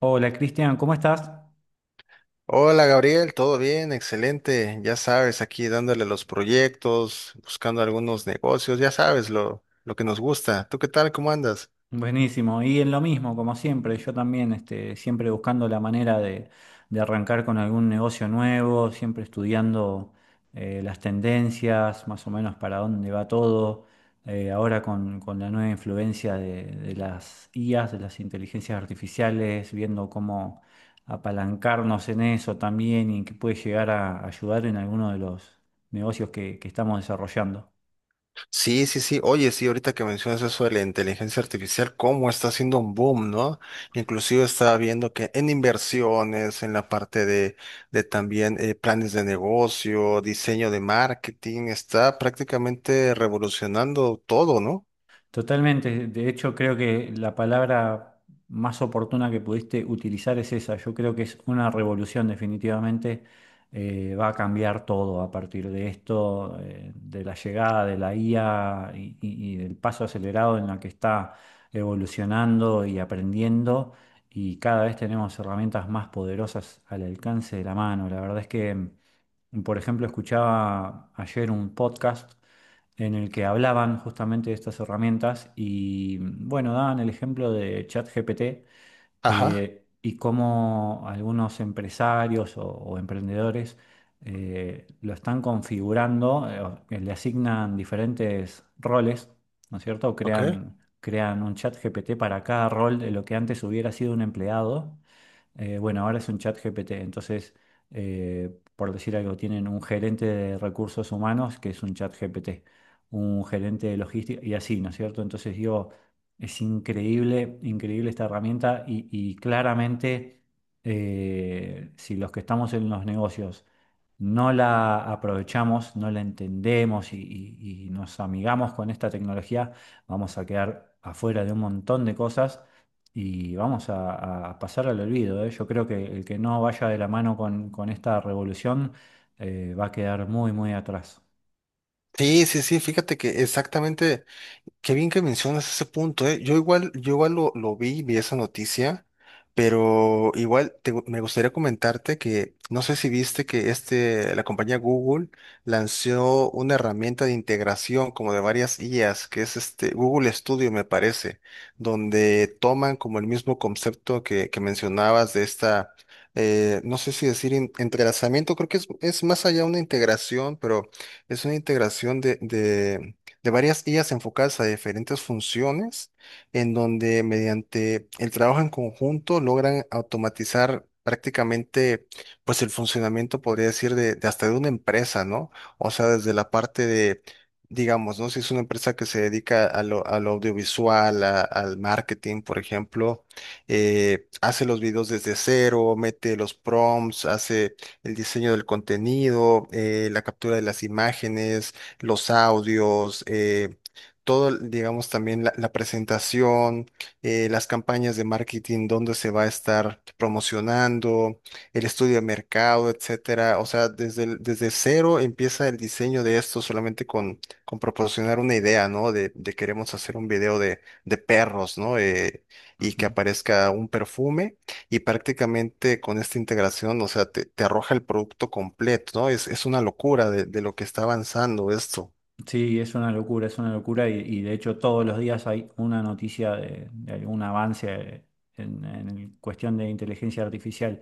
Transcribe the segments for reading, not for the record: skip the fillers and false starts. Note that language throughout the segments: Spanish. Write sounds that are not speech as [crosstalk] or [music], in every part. Hola Cristian, ¿cómo estás? Hola Gabriel, ¿todo bien? Excelente. Ya sabes, aquí dándole los proyectos, buscando algunos negocios, ya sabes lo que nos gusta. ¿Tú qué tal? ¿Cómo andas? Buenísimo, y en lo mismo, como siempre, yo también siempre buscando la manera de arrancar con algún negocio nuevo, siempre estudiando las tendencias, más o menos para dónde va todo. Ahora con la nueva influencia de las IAs, de las inteligencias artificiales, viendo cómo apalancarnos en eso también y que puede llegar a ayudar en alguno de los negocios que estamos desarrollando. Sí, sí, sí. Oye, sí, ahorita que mencionas eso de la inteligencia artificial, cómo está haciendo un boom, ¿no? Inclusive estaba viendo que en inversiones, en la parte de también planes de negocio, diseño de marketing, está prácticamente revolucionando todo, ¿no? Totalmente. De hecho, creo que la palabra más oportuna que pudiste utilizar es esa. Yo creo que es una revolución, definitivamente. Va a cambiar todo a partir de esto, de la llegada de la IA y del paso acelerado en la que está evolucionando y aprendiendo. Y cada vez tenemos herramientas más poderosas al alcance de la mano. La verdad es que, por ejemplo, escuchaba ayer un podcast en el que hablaban justamente de estas herramientas y bueno, daban el ejemplo de ChatGPT Ajá. eh, y cómo algunos empresarios o emprendedores lo están configurando, o que le asignan diferentes roles, ¿no es cierto? Ok. Crean un ChatGPT para cada rol de lo que antes hubiera sido un empleado. Bueno, ahora es un chat GPT. Entonces, por decir algo, tienen un gerente de recursos humanos que es un chat GPT, un gerente de logística y así, ¿no es cierto? Entonces digo, es increíble, increíble esta herramienta y claramente, si los que estamos en los negocios no la aprovechamos, no la entendemos y nos amigamos con esta tecnología, vamos a quedar afuera de un montón de cosas y vamos a pasar al olvido, ¿eh? Yo creo que el que no vaya de la mano con esta revolución, va a quedar muy, muy atrás. Sí, sí, sí, fíjate que exactamente Qué bien que mencionas ese punto, ¿eh? Yo igual lo vi esa noticia, pero me gustaría comentarte que no sé si viste que este, la compañía Google lanzó una herramienta de integración como de varias IAs, que es este Google Studio, me parece, donde toman como el mismo concepto que mencionabas de esta, no sé si decir entrelazamiento, creo que es más allá una integración, pero es una integración de varias IAs enfocadas a diferentes funciones, en donde mediante el trabajo en conjunto logran automatizar prácticamente pues el funcionamiento, podría decir, de hasta de una empresa, ¿no? O sea, desde la parte de, digamos, ¿no? Si es una empresa que se dedica a lo audiovisual, al marketing, por ejemplo, hace los videos desde cero, mete los prompts, hace el diseño del contenido, la captura de las imágenes, los audios, todo, digamos, también la presentación, las campañas de marketing, dónde se va a estar promocionando, el estudio de mercado, etcétera. O sea, desde, desde cero empieza el diseño de esto solamente con proporcionar una idea, ¿no? De queremos hacer un video de perros, ¿no? Y que Ujú. aparezca un perfume, y prácticamente con esta integración, o sea, te arroja el producto completo, ¿no? Es una locura de lo que está avanzando esto. Sí, es una locura y de hecho todos los días hay una noticia de algún avance en cuestión de inteligencia artificial.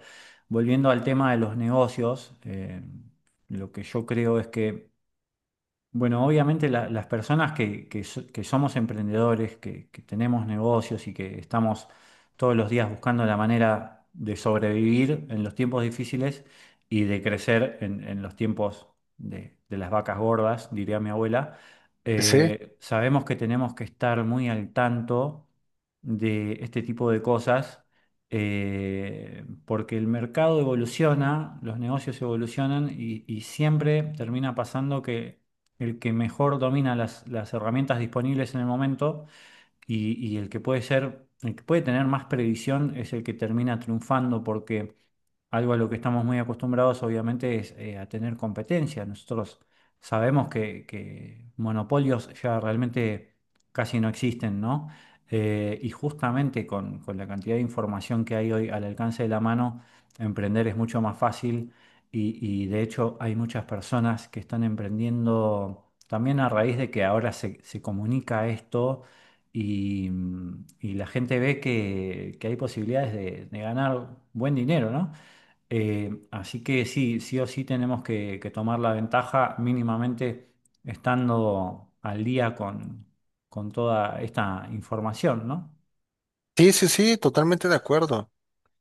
Volviendo al tema de los negocios, lo que yo creo es que, bueno, obviamente las personas que, que somos emprendedores, que tenemos negocios y que estamos todos los días buscando la manera de sobrevivir en los tiempos difíciles y de crecer en los tiempos de las vacas gordas, diría mi abuela, Sí, sabemos que tenemos que estar muy al tanto de este tipo de cosas, porque el mercado evoluciona, los negocios evolucionan y siempre termina pasando que el que mejor domina las herramientas disponibles en el momento y el que puede ser, el que puede tener más previsión es el que termina triunfando porque algo a lo que estamos muy acostumbrados, obviamente, es a tener competencia. Nosotros sabemos que monopolios ya realmente casi no existen, ¿no? Y justamente con la cantidad de información que hay hoy al alcance de la mano, emprender es mucho más fácil y, y de hecho hay muchas personas que están emprendiendo también a raíz de que ahora se comunica esto y, y la gente ve que hay posibilidades de ganar buen dinero, ¿no? Así que sí, sí o sí tenemos que tomar la ventaja mínimamente estando al día con toda esta información, ¿no? sí, sí, sí, totalmente de acuerdo.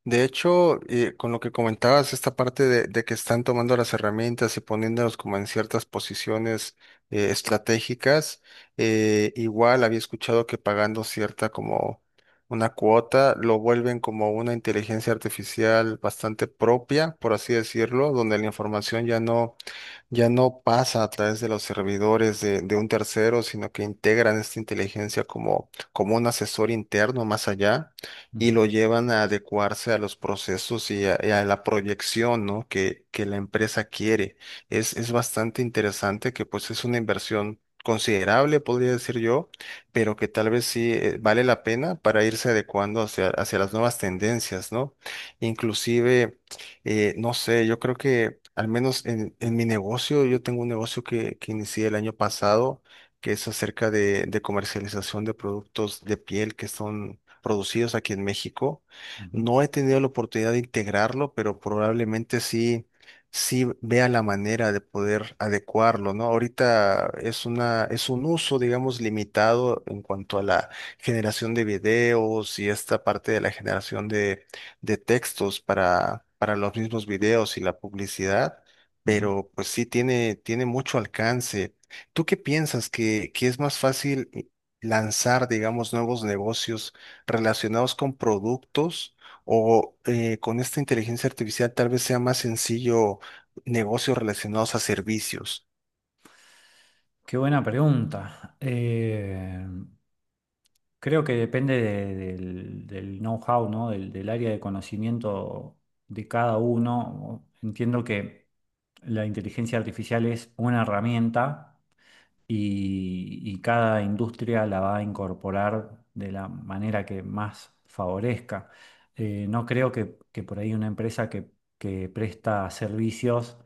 De hecho, con lo que comentabas, esta parte de que están tomando las herramientas y poniéndolas como en ciertas posiciones estratégicas, igual había escuchado que pagando cierta como una cuota, lo vuelven como una inteligencia artificial bastante propia, por así decirlo, donde la información ya no pasa a través de los servidores de un tercero, sino que integran esta inteligencia como un asesor interno más allá, y Ujú, lo llevan a adecuarse a los procesos y a la proyección, ¿no? Que la empresa quiere. Es bastante interesante que pues es una inversión considerable, podría decir yo, pero que tal vez sí, vale la pena para irse adecuando hacia, hacia las nuevas tendencias, ¿no? Inclusive... no sé, yo creo que al menos en mi negocio, yo tengo un negocio que inicié el año pasado, que es acerca de comercialización de productos de piel que son producidos aquí en México. ujú, No he tenido la oportunidad de integrarlo, pero probablemente sí, sí vea la manera de poder adecuarlo, ¿no? Ahorita es una, es un uso, digamos, limitado en cuanto a la generación de videos y esta parte de la generación de textos para los mismos videos y la publicidad, ujú. pero pues sí tiene, tiene mucho alcance. ¿Tú qué piensas que es más fácil lanzar, digamos, nuevos negocios relacionados con productos o con esta inteligencia artificial tal vez sea más sencillo negocios relacionados a servicios? Qué buena pregunta. Creo que depende del know-how, ¿no? Del, del área de conocimiento de cada uno. Entiendo que la inteligencia artificial es una herramienta y cada industria la va a incorporar de la manera que más favorezca. No creo que por ahí una empresa que presta servicios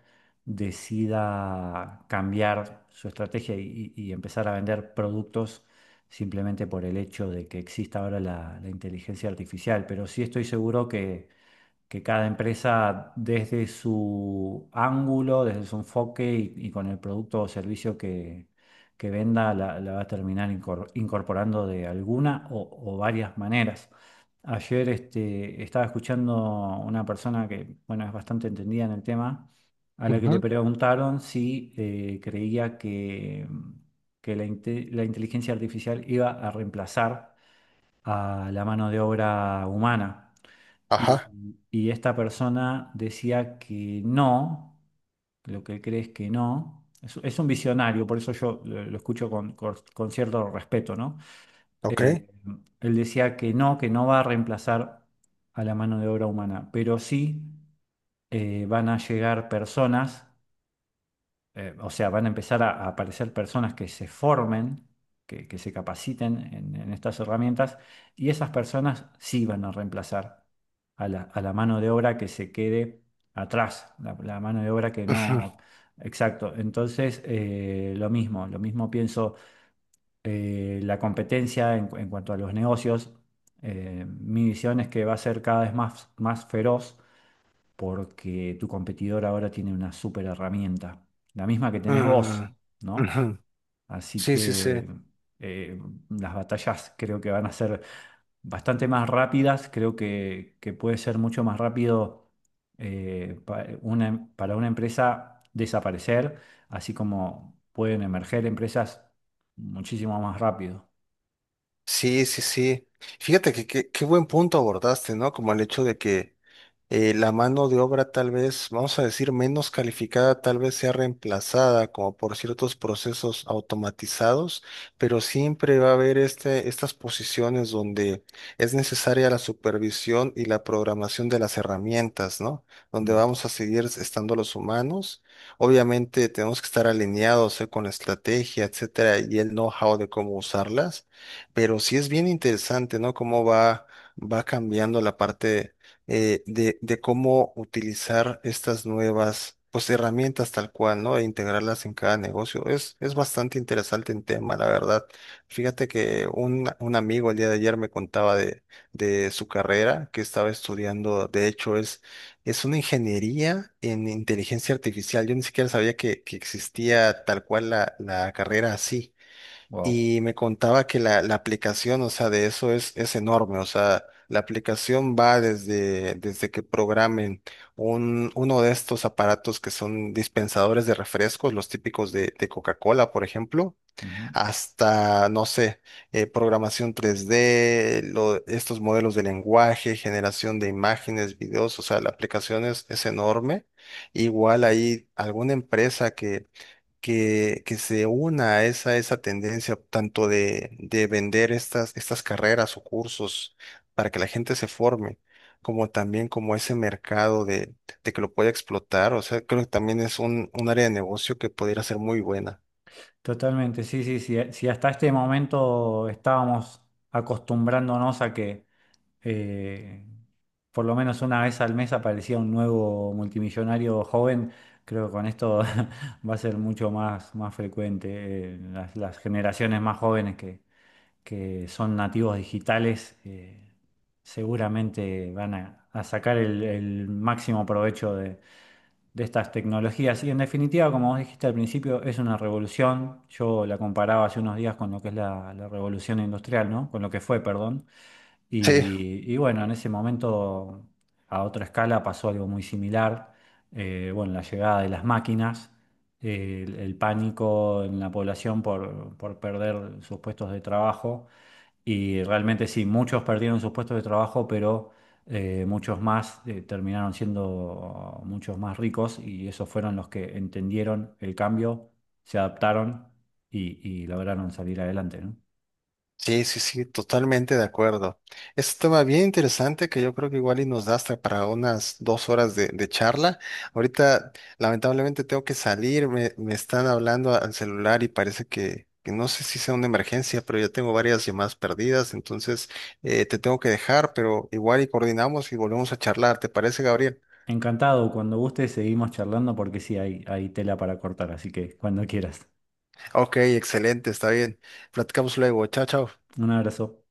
decida cambiar su estrategia y empezar a vender productos simplemente por el hecho de que exista ahora la, la inteligencia artificial, pero sí estoy seguro que cada empresa desde su ángulo, desde su enfoque y con el producto o servicio que venda la, la va a terminar incorporando de alguna o varias maneras. Ayer estaba escuchando una persona que, bueno, es bastante entendida en el tema, a la que le Ujú, preguntaron si creía que la, la inteligencia artificial iba a reemplazar a la mano de obra humana. ajá, Y esta persona decía que no, lo que él cree es que no. Es un visionario, por eso yo lo escucho con, con cierto respeto, ¿no? ok. Él decía que no va a reemplazar a la mano de obra humana, pero sí van a llegar personas, o sea, van a empezar a aparecer personas que se formen, que se capaciten en estas herramientas, y esas personas sí van a reemplazar a la mano de obra que se quede atrás, la mano de obra que Ujú, no... Exacto, entonces lo mismo pienso. La competencia en, en cuanto a los negocios, mi visión es que va a ser cada vez más, más feroz porque tu competidor ahora tiene una super herramienta, la misma que tenés vos, mm, ¿no? ujú. Así Sí, sí, sí. que eh, las batallas creo que van a ser bastante más rápidas, creo que puede ser mucho más rápido, para una empresa desaparecer, así como pueden emerger empresas muchísimo más rápido. Sí, sí, sí. Fíjate que qué buen punto abordaste, ¿no? Como el hecho de que la mano de obra tal vez, vamos a decir, menos calificada, tal vez sea reemplazada como por ciertos procesos automatizados, pero siempre va a haber este, estas posiciones donde es necesaria la supervisión y la programación de las herramientas, ¿no? Donde Ujú. vamos a seguir estando los humanos. Obviamente tenemos que estar alineados, con la estrategia, etcétera, y el know-how de cómo usarlas, pero sí es bien interesante, ¿no? Cómo va, va cambiando la parte de cómo utilizar estas nuevas, pues, herramientas tal cual, ¿no? E integrarlas en cada negocio. Es bastante interesante el tema, la verdad. Fíjate que un amigo el día de ayer me contaba de su carrera que estaba estudiando, de hecho, es una ingeniería en inteligencia artificial. Yo ni siquiera sabía que existía tal cual la carrera así. Wow. Y me contaba que la aplicación, o sea, de eso es enorme. O sea, la aplicación va desde, desde que programen uno de estos aparatos que son dispensadores de refrescos, los típicos de Coca-Cola, por ejemplo, Ujú. hasta, no sé, programación 3D, estos modelos de lenguaje, generación de imágenes, videos. O sea, la aplicación es enorme. Igual hay alguna empresa que se una a esa, esa tendencia tanto de vender estas, estas carreras o cursos para que la gente se forme, como también como ese mercado de que lo pueda explotar. O sea, creo que también es un área de negocio que pudiera ser muy buena. Totalmente, sí, sí, sí. Si hasta este momento estábamos acostumbrándonos a que eh, por lo menos una vez al mes aparecía un nuevo multimillonario joven, creo que con esto [laughs] va a ser mucho más, más frecuente. Las generaciones más jóvenes que son nativos digitales, seguramente van a sacar el máximo provecho de estas tecnologías. Y en definitiva, como vos dijiste al principio, es una revolución. Yo la comparaba hace unos días con lo que es la, la revolución industrial, ¿no? Con lo que fue, perdón. Sí. Y bueno, en ese momento, a otra escala, pasó algo muy similar. Bueno, la llegada de las máquinas, el pánico en la población por perder sus puestos de trabajo y realmente sí, muchos perdieron sus puestos de trabajo, pero muchos más terminaron siendo muchos más ricos y esos fueron los que entendieron el cambio, se adaptaron y lograron salir adelante, ¿no? Sí, sí, sí, totalmente de acuerdo. Es un tema bien interesante que yo creo que igual y nos da hasta para unas 2 horas de charla. Ahorita, lamentablemente, tengo que salir, me están hablando al celular y parece que no sé si sea una emergencia, pero yo tengo varias llamadas perdidas, entonces te tengo que dejar, pero igual y coordinamos y volvemos a charlar. ¿Te parece, Gabriel? Encantado, cuando guste seguimos charlando porque sí, hay tela para cortar, así que cuando quieras. Ok, excelente, está bien. Platicamos luego. Chao, chao. Un abrazo.